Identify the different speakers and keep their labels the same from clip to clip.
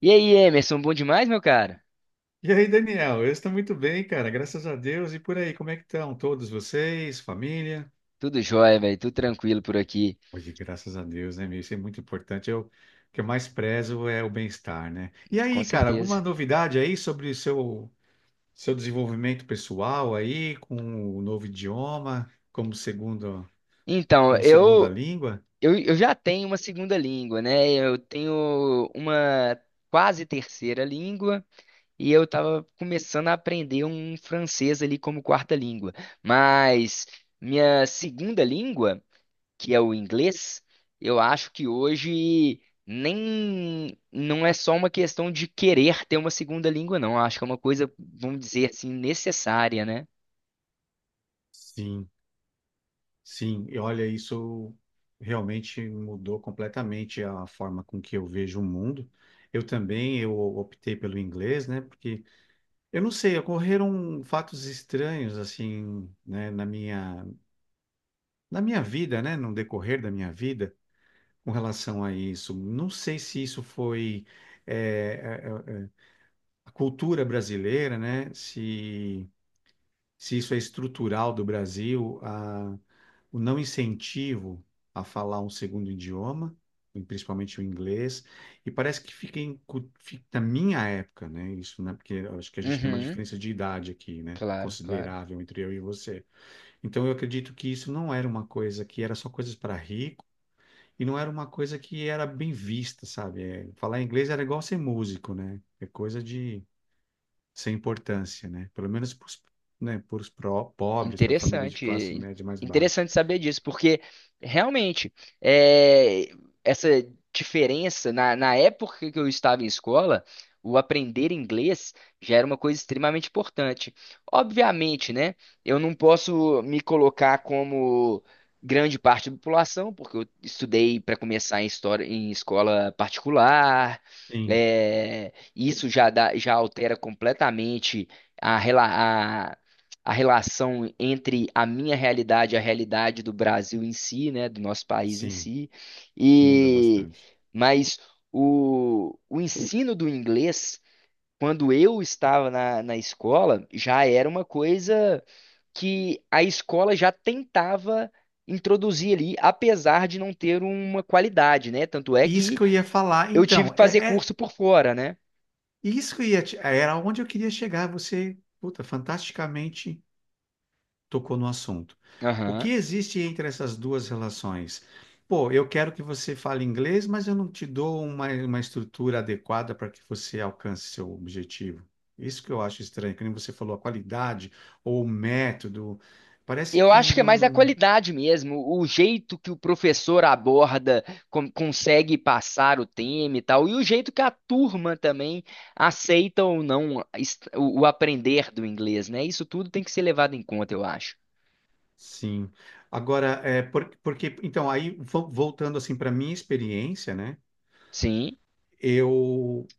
Speaker 1: E aí, Emerson, bom demais, meu cara?
Speaker 2: E aí, Daniel? Eu estou muito bem, cara, graças a Deus. E por aí, como é que estão todos vocês, família?
Speaker 1: Tudo jóia, velho, tudo tranquilo por aqui,
Speaker 2: Hoje, graças a Deus, né, meu? Isso é muito importante. O que eu mais prezo é o bem-estar, né? E
Speaker 1: com
Speaker 2: aí, cara, alguma
Speaker 1: certeza.
Speaker 2: novidade aí sobre o seu desenvolvimento pessoal aí, com o novo idioma,
Speaker 1: Então,
Speaker 2: como segunda
Speaker 1: eu,
Speaker 2: língua?
Speaker 1: eu, eu já tenho uma segunda língua, né? Eu tenho uma quase terceira língua e eu tava começando a aprender um francês ali como quarta língua. Mas minha segunda língua, que é o inglês, eu acho que hoje nem não é só uma questão de querer ter uma segunda língua, não. Eu acho que é uma coisa, vamos dizer assim, necessária, né?
Speaker 2: Sim, sim. E olha, isso realmente mudou completamente a forma com que eu vejo o mundo. Eu também eu optei pelo inglês, né? Porque eu não sei, ocorreram fatos estranhos assim, né, na minha vida, né, no decorrer da minha vida, com relação a isso. Não sei se isso foi eh, eh, eh, a cultura brasileira, né, se isso é estrutural do Brasil, o não incentivo a falar um segundo idioma, principalmente o inglês, e parece que fica, na minha época, né? Isso, né? Porque eu acho que a gente tem uma
Speaker 1: Uhum,
Speaker 2: diferença de idade aqui, né,
Speaker 1: claro, claro.
Speaker 2: considerável entre eu e você. Então eu acredito que isso não era uma coisa que era só coisas para rico. E não era uma coisa que era bem vista, sabe? É, falar inglês era igual ser músico, né? É coisa de sem importância, né? Pelo menos para os né, pros pobres, para a família de
Speaker 1: Interessante,
Speaker 2: classe média mais baixa.
Speaker 1: interessante saber disso, porque realmente é, essa diferença na época que eu estava em escola, o aprender inglês já era uma coisa extremamente importante. Obviamente, né? Eu não posso me colocar como grande parte da população, porque eu estudei para começar em história em escola particular.
Speaker 2: Sim,
Speaker 1: É, isso já altera completamente a, rela- a relação entre a minha realidade e a realidade do Brasil em si, né, do nosso país em
Speaker 2: sim,
Speaker 1: si.
Speaker 2: muda
Speaker 1: E
Speaker 2: bastante.
Speaker 1: mas o ensino do inglês, quando eu estava na escola, já era uma coisa que a escola já tentava introduzir ali, apesar de não ter uma qualidade, né? Tanto é
Speaker 2: Isso que
Speaker 1: que
Speaker 2: eu ia falar,
Speaker 1: eu tive
Speaker 2: então,
Speaker 1: que fazer
Speaker 2: é, é
Speaker 1: curso por fora, né?
Speaker 2: isso que eu ia te- era onde eu queria chegar. Você, puta, fantasticamente tocou no assunto. O que
Speaker 1: Aham.
Speaker 2: existe entre essas duas relações? Pô, eu quero que você fale inglês, mas eu não te dou uma estrutura adequada para que você alcance seu objetivo. Isso que eu acho estranho, que nem você falou, a qualidade ou o método. Parece
Speaker 1: Eu acho
Speaker 2: que
Speaker 1: que é mais a
Speaker 2: não.
Speaker 1: qualidade mesmo, o jeito que o professor aborda, consegue passar o tema e tal, e o jeito que a turma também aceita ou não o aprender do inglês, né? Isso tudo tem que ser levado em conta, eu acho.
Speaker 2: Sim. Agora, porque, então, aí voltando assim para minha experiência, né?
Speaker 1: Sim,
Speaker 2: Eu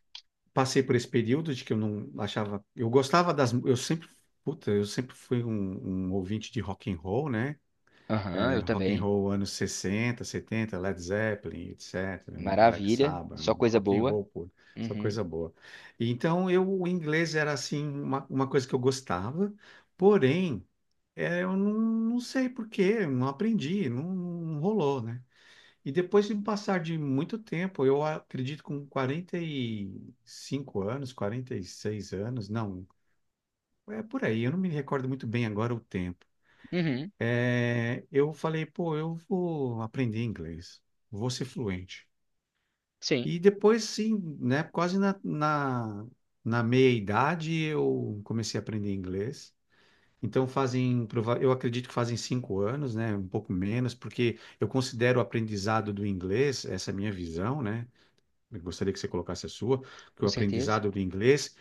Speaker 2: passei por esse período de que eu não achava. Eu gostava das. Eu sempre. Puta, eu sempre fui um ouvinte de rock and roll, né?
Speaker 1: aham,
Speaker 2: É,
Speaker 1: eu
Speaker 2: rock and
Speaker 1: também.
Speaker 2: roll anos 60, 70, Led Zeppelin, etc, né? Black
Speaker 1: Maravilha,
Speaker 2: Sabbath,
Speaker 1: só coisa
Speaker 2: rock and
Speaker 1: boa.
Speaker 2: roll, pô, só
Speaker 1: Uhum,
Speaker 2: coisa boa. E então, o inglês era, assim, uma coisa que eu gostava, porém, é, eu não sei por quê, não aprendi, não, não rolou, né? E depois de um passar de muito tempo, eu acredito com 45 anos, 46 anos, não, é por aí, eu não me recordo muito bem agora o tempo.
Speaker 1: uhum,
Speaker 2: É, eu falei, pô, eu vou aprender inglês, vou ser fluente.
Speaker 1: sim,
Speaker 2: E depois, sim, né, quase na meia-idade eu comecei a aprender inglês. Então fazem, eu acredito que fazem 5 anos, né, um pouco menos, porque eu considero o aprendizado do inglês, essa é a minha visão, né, eu gostaria que você colocasse a sua, que o
Speaker 1: com certeza.
Speaker 2: aprendizado do inglês,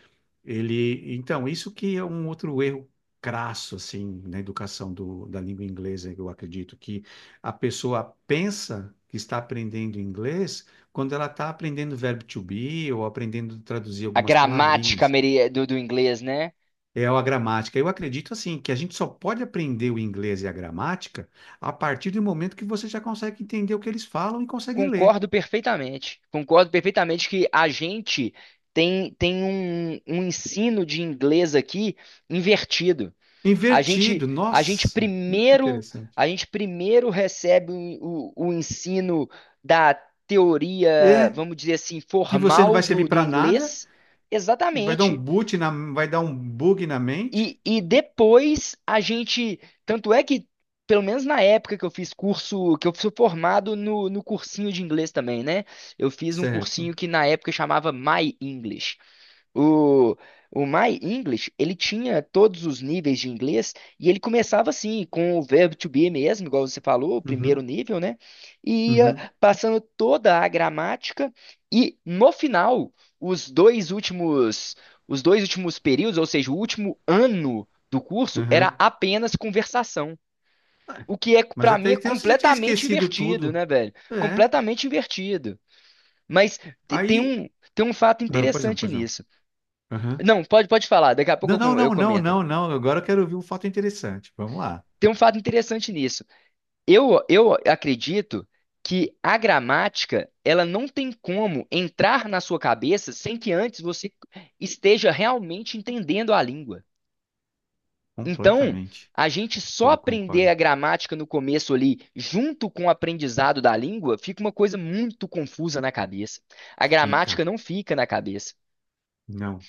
Speaker 2: ele, então, isso que é um outro erro crasso, assim, na educação da língua inglesa, eu acredito, que a pessoa pensa que está aprendendo inglês quando ela está aprendendo o verbo to be ou aprendendo a traduzir
Speaker 1: A
Speaker 2: algumas palavrinhas.
Speaker 1: do inglês, né?
Speaker 2: É a gramática. Eu acredito, assim, que a gente só pode aprender o inglês e a gramática a partir do momento que você já consegue entender o que eles falam e consegue ler.
Speaker 1: Concordo perfeitamente. Concordo perfeitamente que a gente tem um ensino de inglês aqui invertido. A gente,
Speaker 2: Invertido,
Speaker 1: a gente
Speaker 2: nossa, muito
Speaker 1: primeiro,
Speaker 2: interessante.
Speaker 1: a gente primeiro recebe o ensino da teoria,
Speaker 2: É,
Speaker 1: vamos dizer assim,
Speaker 2: que você não
Speaker 1: formal
Speaker 2: vai servir
Speaker 1: do
Speaker 2: para nada,
Speaker 1: inglês.
Speaker 2: e
Speaker 1: Exatamente.
Speaker 2: vai dar um bug na mente.
Speaker 1: E depois a gente. Tanto é que, pelo menos na época que eu fiz curso, que eu fui formado no cursinho de inglês também, né? Eu fiz um
Speaker 2: Certo.
Speaker 1: cursinho que na época chamava My English. O, o My English, ele tinha todos os níveis de inglês e ele começava assim, com o verbo to be mesmo, igual você falou, o primeiro
Speaker 2: Uhum,
Speaker 1: nível, né? E ia
Speaker 2: uhum,
Speaker 1: passando toda a gramática e no final, os dois últimos, os dois últimos períodos, ou seja, o último ano do curso era
Speaker 2: uhum.
Speaker 1: apenas conversação,
Speaker 2: É.
Speaker 1: o que é
Speaker 2: Mas
Speaker 1: para
Speaker 2: até
Speaker 1: mim é
Speaker 2: então você já tinha
Speaker 1: completamente
Speaker 2: esquecido
Speaker 1: invertido,
Speaker 2: tudo.
Speaker 1: né, velho?
Speaker 2: É.
Speaker 1: Completamente invertido. Mas te- tem
Speaker 2: Aí.
Speaker 1: um, tem um fato
Speaker 2: Ah, pois não,
Speaker 1: interessante
Speaker 2: pois não.
Speaker 1: nisso.
Speaker 2: Aham.
Speaker 1: Não, pode falar, daqui a pouco
Speaker 2: Não,
Speaker 1: eu,
Speaker 2: não,
Speaker 1: eu
Speaker 2: não, não,
Speaker 1: comento.
Speaker 2: não, não. Agora eu quero ouvir um fato interessante. Vamos lá.
Speaker 1: Tem um fato interessante nisso. Eu acredito que a gramática, ela não tem como entrar na sua cabeça sem que antes você esteja realmente entendendo a língua. Então,
Speaker 2: Completamente.
Speaker 1: a gente só
Speaker 2: Eu
Speaker 1: aprender
Speaker 2: concordo.
Speaker 1: a gramática no começo ali, junto com o aprendizado da língua, fica uma coisa muito confusa na cabeça. A gramática
Speaker 2: Fica.
Speaker 1: não fica na cabeça.
Speaker 2: Não.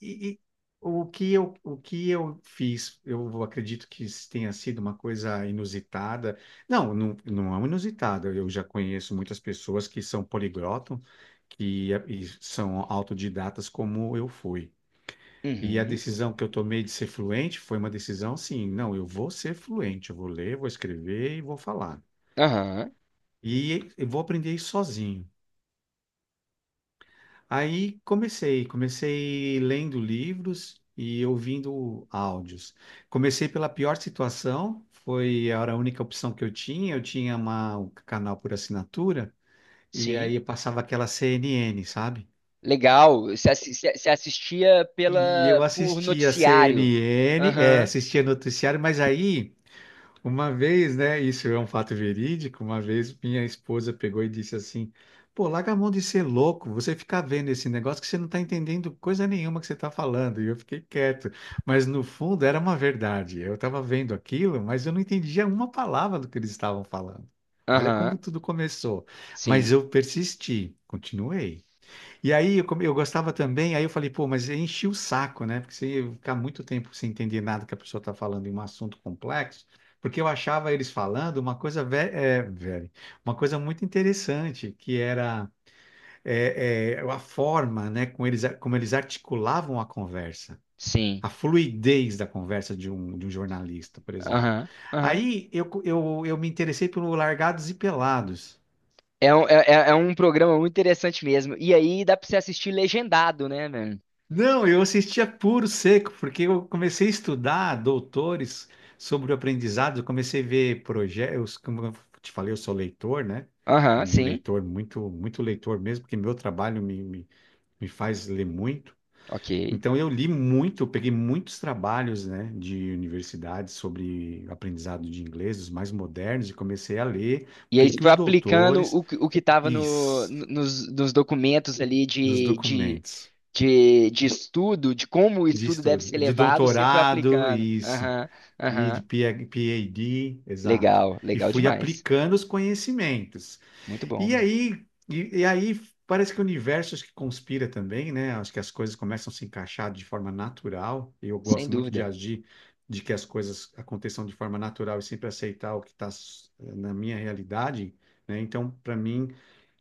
Speaker 2: E o que eu fiz, eu acredito que isso tenha sido uma coisa inusitada. Não, não, não é uma inusitada. Eu já conheço muitas pessoas que são poliglotas, e são autodidatas como eu fui. E a
Speaker 1: Uhum,
Speaker 2: decisão que eu tomei de ser fluente foi uma decisão, sim, não, eu vou ser fluente, eu vou ler, vou escrever e vou falar.
Speaker 1: aham,
Speaker 2: E eu vou aprender isso sozinho. Aí comecei lendo livros e ouvindo áudios. Comecei pela pior situação, foi era a única opção que eu tinha. Eu tinha um canal por assinatura e
Speaker 1: sim.
Speaker 2: aí eu passava aquela CNN, sabe?
Speaker 1: Legal. Você assistia
Speaker 2: E
Speaker 1: pela
Speaker 2: eu
Speaker 1: por
Speaker 2: assistia
Speaker 1: noticiário.
Speaker 2: CNN, é,
Speaker 1: Aham,
Speaker 2: assistia noticiário, mas aí, uma vez, né? Isso é um fato verídico. Uma vez minha esposa pegou e disse assim: pô, larga a mão de ser louco, você ficar vendo esse negócio que você não está entendendo coisa nenhuma que você está falando. E eu fiquei quieto. Mas no fundo era uma verdade. Eu estava vendo aquilo, mas eu não entendia uma palavra do que eles estavam falando. Olha como
Speaker 1: aham.
Speaker 2: tudo começou. Mas
Speaker 1: Sim,
Speaker 2: eu persisti, continuei. E aí eu gostava também, aí eu falei, pô, mas enchi o saco, né? Porque você ia ficar muito tempo sem entender nada que a pessoa está falando em um assunto complexo, porque eu achava eles falando uma coisa, velho, uma coisa muito interessante, que era, a forma, né, como eles articulavam a conversa,
Speaker 1: sim.
Speaker 2: a fluidez da conversa de um jornalista, por exemplo.
Speaker 1: Aham, aham.
Speaker 2: Aí eu me interessei pelo Largados e Pelados.
Speaker 1: É um, é, é é um programa muito interessante mesmo. E aí dá pra você assistir legendado, né, velho?
Speaker 2: Não, eu assistia puro seco, porque eu comecei a estudar doutores sobre o aprendizado, eu comecei a ver projetos, como eu te falei, eu sou leitor, né?
Speaker 1: Aham,
Speaker 2: Um
Speaker 1: sim.
Speaker 2: leitor muito, muito leitor mesmo, porque meu trabalho me faz ler muito.
Speaker 1: Ok.
Speaker 2: Então eu li muito, eu peguei muitos trabalhos, né, de universidades sobre aprendizado de inglês, os mais modernos, e comecei a ler o
Speaker 1: E aí
Speaker 2: que
Speaker 1: você
Speaker 2: que
Speaker 1: foi
Speaker 2: os
Speaker 1: aplicando
Speaker 2: doutores
Speaker 1: o que tava
Speaker 2: isso,
Speaker 1: nos documentos ali
Speaker 2: dos documentos
Speaker 1: de estudo, de como o
Speaker 2: de
Speaker 1: estudo deve
Speaker 2: estudo,
Speaker 1: ser
Speaker 2: de
Speaker 1: levado, você foi
Speaker 2: doutorado,
Speaker 1: aplicando.
Speaker 2: isso.
Speaker 1: Aham,
Speaker 2: E de
Speaker 1: aham.
Speaker 2: PH PhD, exato.
Speaker 1: Legal,
Speaker 2: E
Speaker 1: legal
Speaker 2: fui
Speaker 1: demais.
Speaker 2: aplicando os conhecimentos.
Speaker 1: Muito bom,
Speaker 2: E
Speaker 1: velho.
Speaker 2: aí, parece que o universo acho que conspira também, né? Acho que as coisas começam a se encaixar de forma natural. Eu
Speaker 1: Sem
Speaker 2: gosto muito de
Speaker 1: dúvida.
Speaker 2: agir, de que as coisas aconteçam de forma natural e sempre aceitar o que está na minha realidade, né? Então, para mim,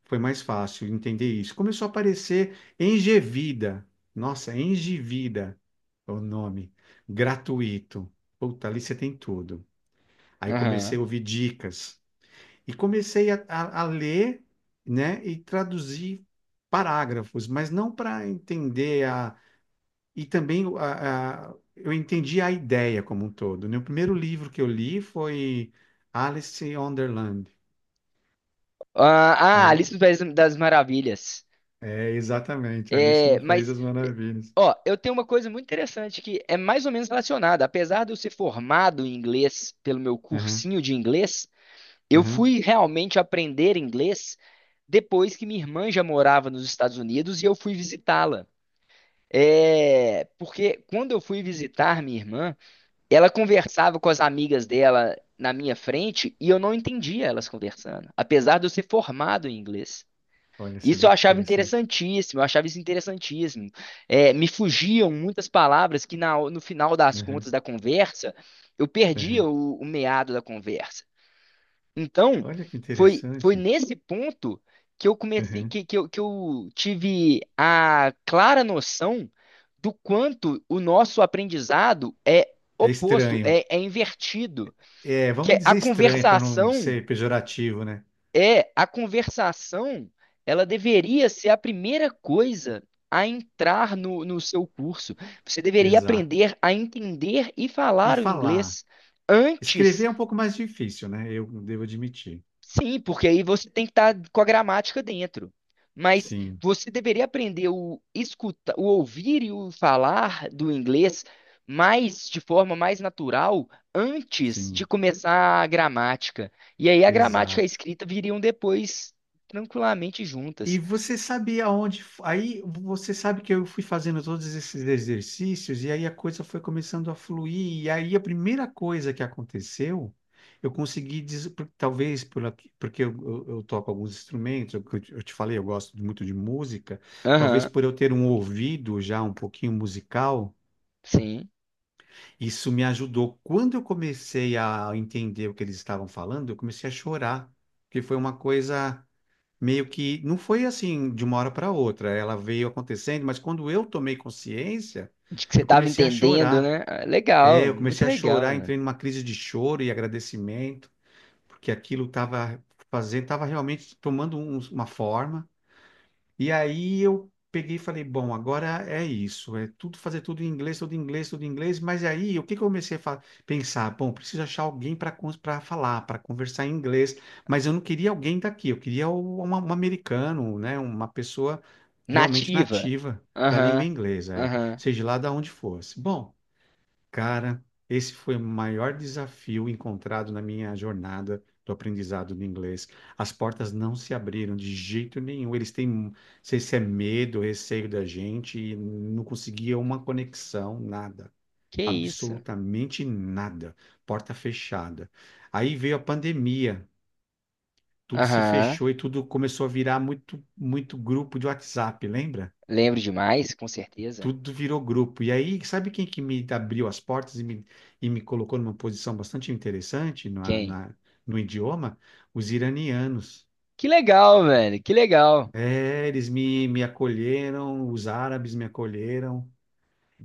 Speaker 2: foi mais fácil entender isso. Começou a aparecer Engevida. Nossa, Engevida é o nome. Gratuito. Puta, ali você tem tudo. Aí comecei
Speaker 1: Aham.
Speaker 2: a ouvir dicas. E comecei a ler, né, e traduzir parágrafos, mas não para entender a. E também eu entendi a ideia como um todo, né? O primeiro livro que eu li foi Alice in Wonderland.
Speaker 1: Ah, ah, Alice
Speaker 2: A-
Speaker 1: no País das Maravilhas.
Speaker 2: É, exatamente, Alice
Speaker 1: É,
Speaker 2: no País
Speaker 1: mas,
Speaker 2: das
Speaker 1: eh,
Speaker 2: Maravilhas.
Speaker 1: ó, eu tenho uma coisa muito interessante que é mais ou menos relacionada. Apesar de eu ser formado em inglês pelo meu
Speaker 2: Aham,
Speaker 1: cursinho de inglês, eu
Speaker 2: aham.
Speaker 1: fui realmente aprender inglês depois que minha irmã já morava nos Estados Unidos e eu fui visitá-la. É, porque quando eu fui visitar minha irmã, ela conversava com as amigas dela na minha frente e eu não entendia elas conversando, apesar de eu ser formado em inglês.
Speaker 2: Olha, você
Speaker 1: Isso eu
Speaker 2: vê que
Speaker 1: achava
Speaker 2: interessante.
Speaker 1: interessantíssimo, eu achava isso interessantíssimo. É, me fugiam muitas palavras que no final das
Speaker 2: Aham,
Speaker 1: contas da conversa eu perdia
Speaker 2: aham.
Speaker 1: o meado da conversa. Então,
Speaker 2: Olha que
Speaker 1: foi, foi
Speaker 2: interessante.
Speaker 1: nesse ponto que eu comecei,
Speaker 2: Aham.
Speaker 1: que eu tive a clara noção do quanto o nosso aprendizado é
Speaker 2: É
Speaker 1: oposto,
Speaker 2: estranho.
Speaker 1: é, é invertido.
Speaker 2: É,
Speaker 1: Que
Speaker 2: vamos
Speaker 1: é a
Speaker 2: dizer estranho para não
Speaker 1: conversação,
Speaker 2: ser pejorativo, né?
Speaker 1: é a conversação, ela deveria ser a primeira coisa a entrar no seu curso. Você deveria
Speaker 2: Exato.
Speaker 1: aprender a entender e
Speaker 2: E
Speaker 1: falar o
Speaker 2: falar.
Speaker 1: inglês
Speaker 2: Escrever
Speaker 1: antes.
Speaker 2: é um pouco mais difícil, né? Eu devo admitir.
Speaker 1: Sim, porque aí você tem que estar com a gramática dentro. Mas
Speaker 2: Sim,
Speaker 1: você deveria aprender o escuta, o ouvir e o falar do inglês mais de forma mais natural antes de
Speaker 2: sim.
Speaker 1: começar a gramática. E aí a gramática e a
Speaker 2: Exato.
Speaker 1: escrita viriam depois tranquilamente
Speaker 2: E
Speaker 1: juntas.
Speaker 2: você sabia onde. Aí você sabe que eu fui fazendo todos esses exercícios, e aí a coisa foi começando a fluir. E aí a primeira coisa que aconteceu, eu consegui, porque eu toco alguns instrumentos, eu te falei, eu gosto muito de música, talvez
Speaker 1: Aham,
Speaker 2: por eu ter um ouvido já um pouquinho musical,
Speaker 1: sim.
Speaker 2: isso me ajudou. Quando eu comecei a entender o que eles estavam falando, eu comecei a chorar, porque foi uma coisa meio que não foi assim de uma hora para outra, ela veio acontecendo, mas quando eu tomei consciência,
Speaker 1: De que você
Speaker 2: eu
Speaker 1: estava
Speaker 2: comecei a
Speaker 1: entendendo,
Speaker 2: chorar.
Speaker 1: né? Ah,
Speaker 2: É,
Speaker 1: legal,
Speaker 2: eu
Speaker 1: muito
Speaker 2: comecei a
Speaker 1: legal,
Speaker 2: chorar,
Speaker 1: né?
Speaker 2: entrei numa crise de choro e agradecimento, porque aquilo estava fazendo, estava realmente tomando uma forma. E aí eu peguei e falei, bom, agora é isso, é tudo, fazer tudo em inglês, tudo em inglês, tudo em inglês. Mas aí o que que eu comecei a pensar? Bom, preciso achar alguém para falar, para conversar em inglês. Mas eu não queria alguém daqui, eu queria um, americano, né, uma pessoa realmente
Speaker 1: Nativa.
Speaker 2: nativa da língua
Speaker 1: Aham,
Speaker 2: inglesa, é,
Speaker 1: aham.
Speaker 2: seja lá de onde fosse. Bom. Cara, esse foi o maior desafio encontrado na minha jornada do aprendizado do inglês. As portas não se abriram de jeito nenhum. Eles têm, não sei se é medo, receio da gente, e não conseguia uma conexão, nada.
Speaker 1: Que isso?
Speaker 2: Absolutamente nada. Porta fechada. Aí veio a pandemia, tudo se
Speaker 1: Aham.
Speaker 2: fechou e tudo começou a virar muito, muito grupo de WhatsApp, lembra?
Speaker 1: Lembro demais, com certeza.
Speaker 2: Tudo virou grupo. E aí, sabe quem que me abriu as portas e e me colocou numa posição bastante interessante no,
Speaker 1: Quem?
Speaker 2: na, no idioma? Os iranianos.
Speaker 1: Que legal, velho. Que legal.
Speaker 2: É, eles me acolheram, os árabes me acolheram.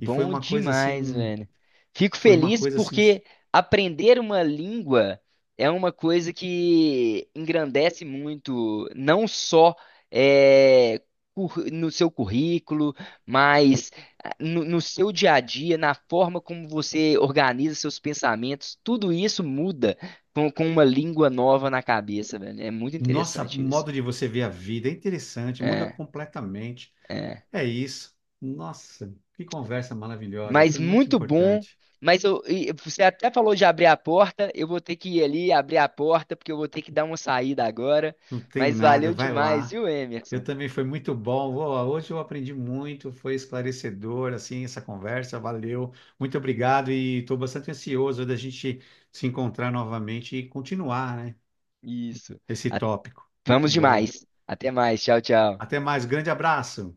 Speaker 2: E foi uma coisa
Speaker 1: demais,
Speaker 2: assim,
Speaker 1: velho. Fico
Speaker 2: foi uma
Speaker 1: feliz
Speaker 2: coisa assim,
Speaker 1: porque aprender uma língua é uma coisa que engrandece muito, não só eh, no seu currículo, mas no seu dia a dia, na forma como você organiza seus pensamentos. Tudo isso muda com uma língua nova na cabeça, velho. É muito
Speaker 2: nossa, o
Speaker 1: interessante isso.
Speaker 2: modo de você ver a vida é interessante, muda
Speaker 1: É.
Speaker 2: completamente.
Speaker 1: É.
Speaker 2: É isso. Nossa, que conversa maravilhosa,
Speaker 1: Mas
Speaker 2: foi muito
Speaker 1: muito bom.
Speaker 2: importante.
Speaker 1: Mas eu, e você até falou de abrir a porta. Eu vou ter que ir ali abrir a porta, porque eu vou ter que dar uma saída agora.
Speaker 2: Não tem
Speaker 1: Mas
Speaker 2: nada,
Speaker 1: valeu
Speaker 2: vai
Speaker 1: demais,
Speaker 2: lá.
Speaker 1: viu,
Speaker 2: Eu
Speaker 1: Emerson?
Speaker 2: também foi muito bom. Ó, hoje eu aprendi muito, foi esclarecedor assim essa conversa, valeu. Muito obrigado e estou bastante ansioso da gente se encontrar novamente e continuar, né,
Speaker 1: Isso.
Speaker 2: esse
Speaker 1: A-
Speaker 2: tópico. Muito
Speaker 1: Vamos
Speaker 2: bom.
Speaker 1: demais. Até mais. Tchau, tchau.
Speaker 2: Até mais, grande abraço.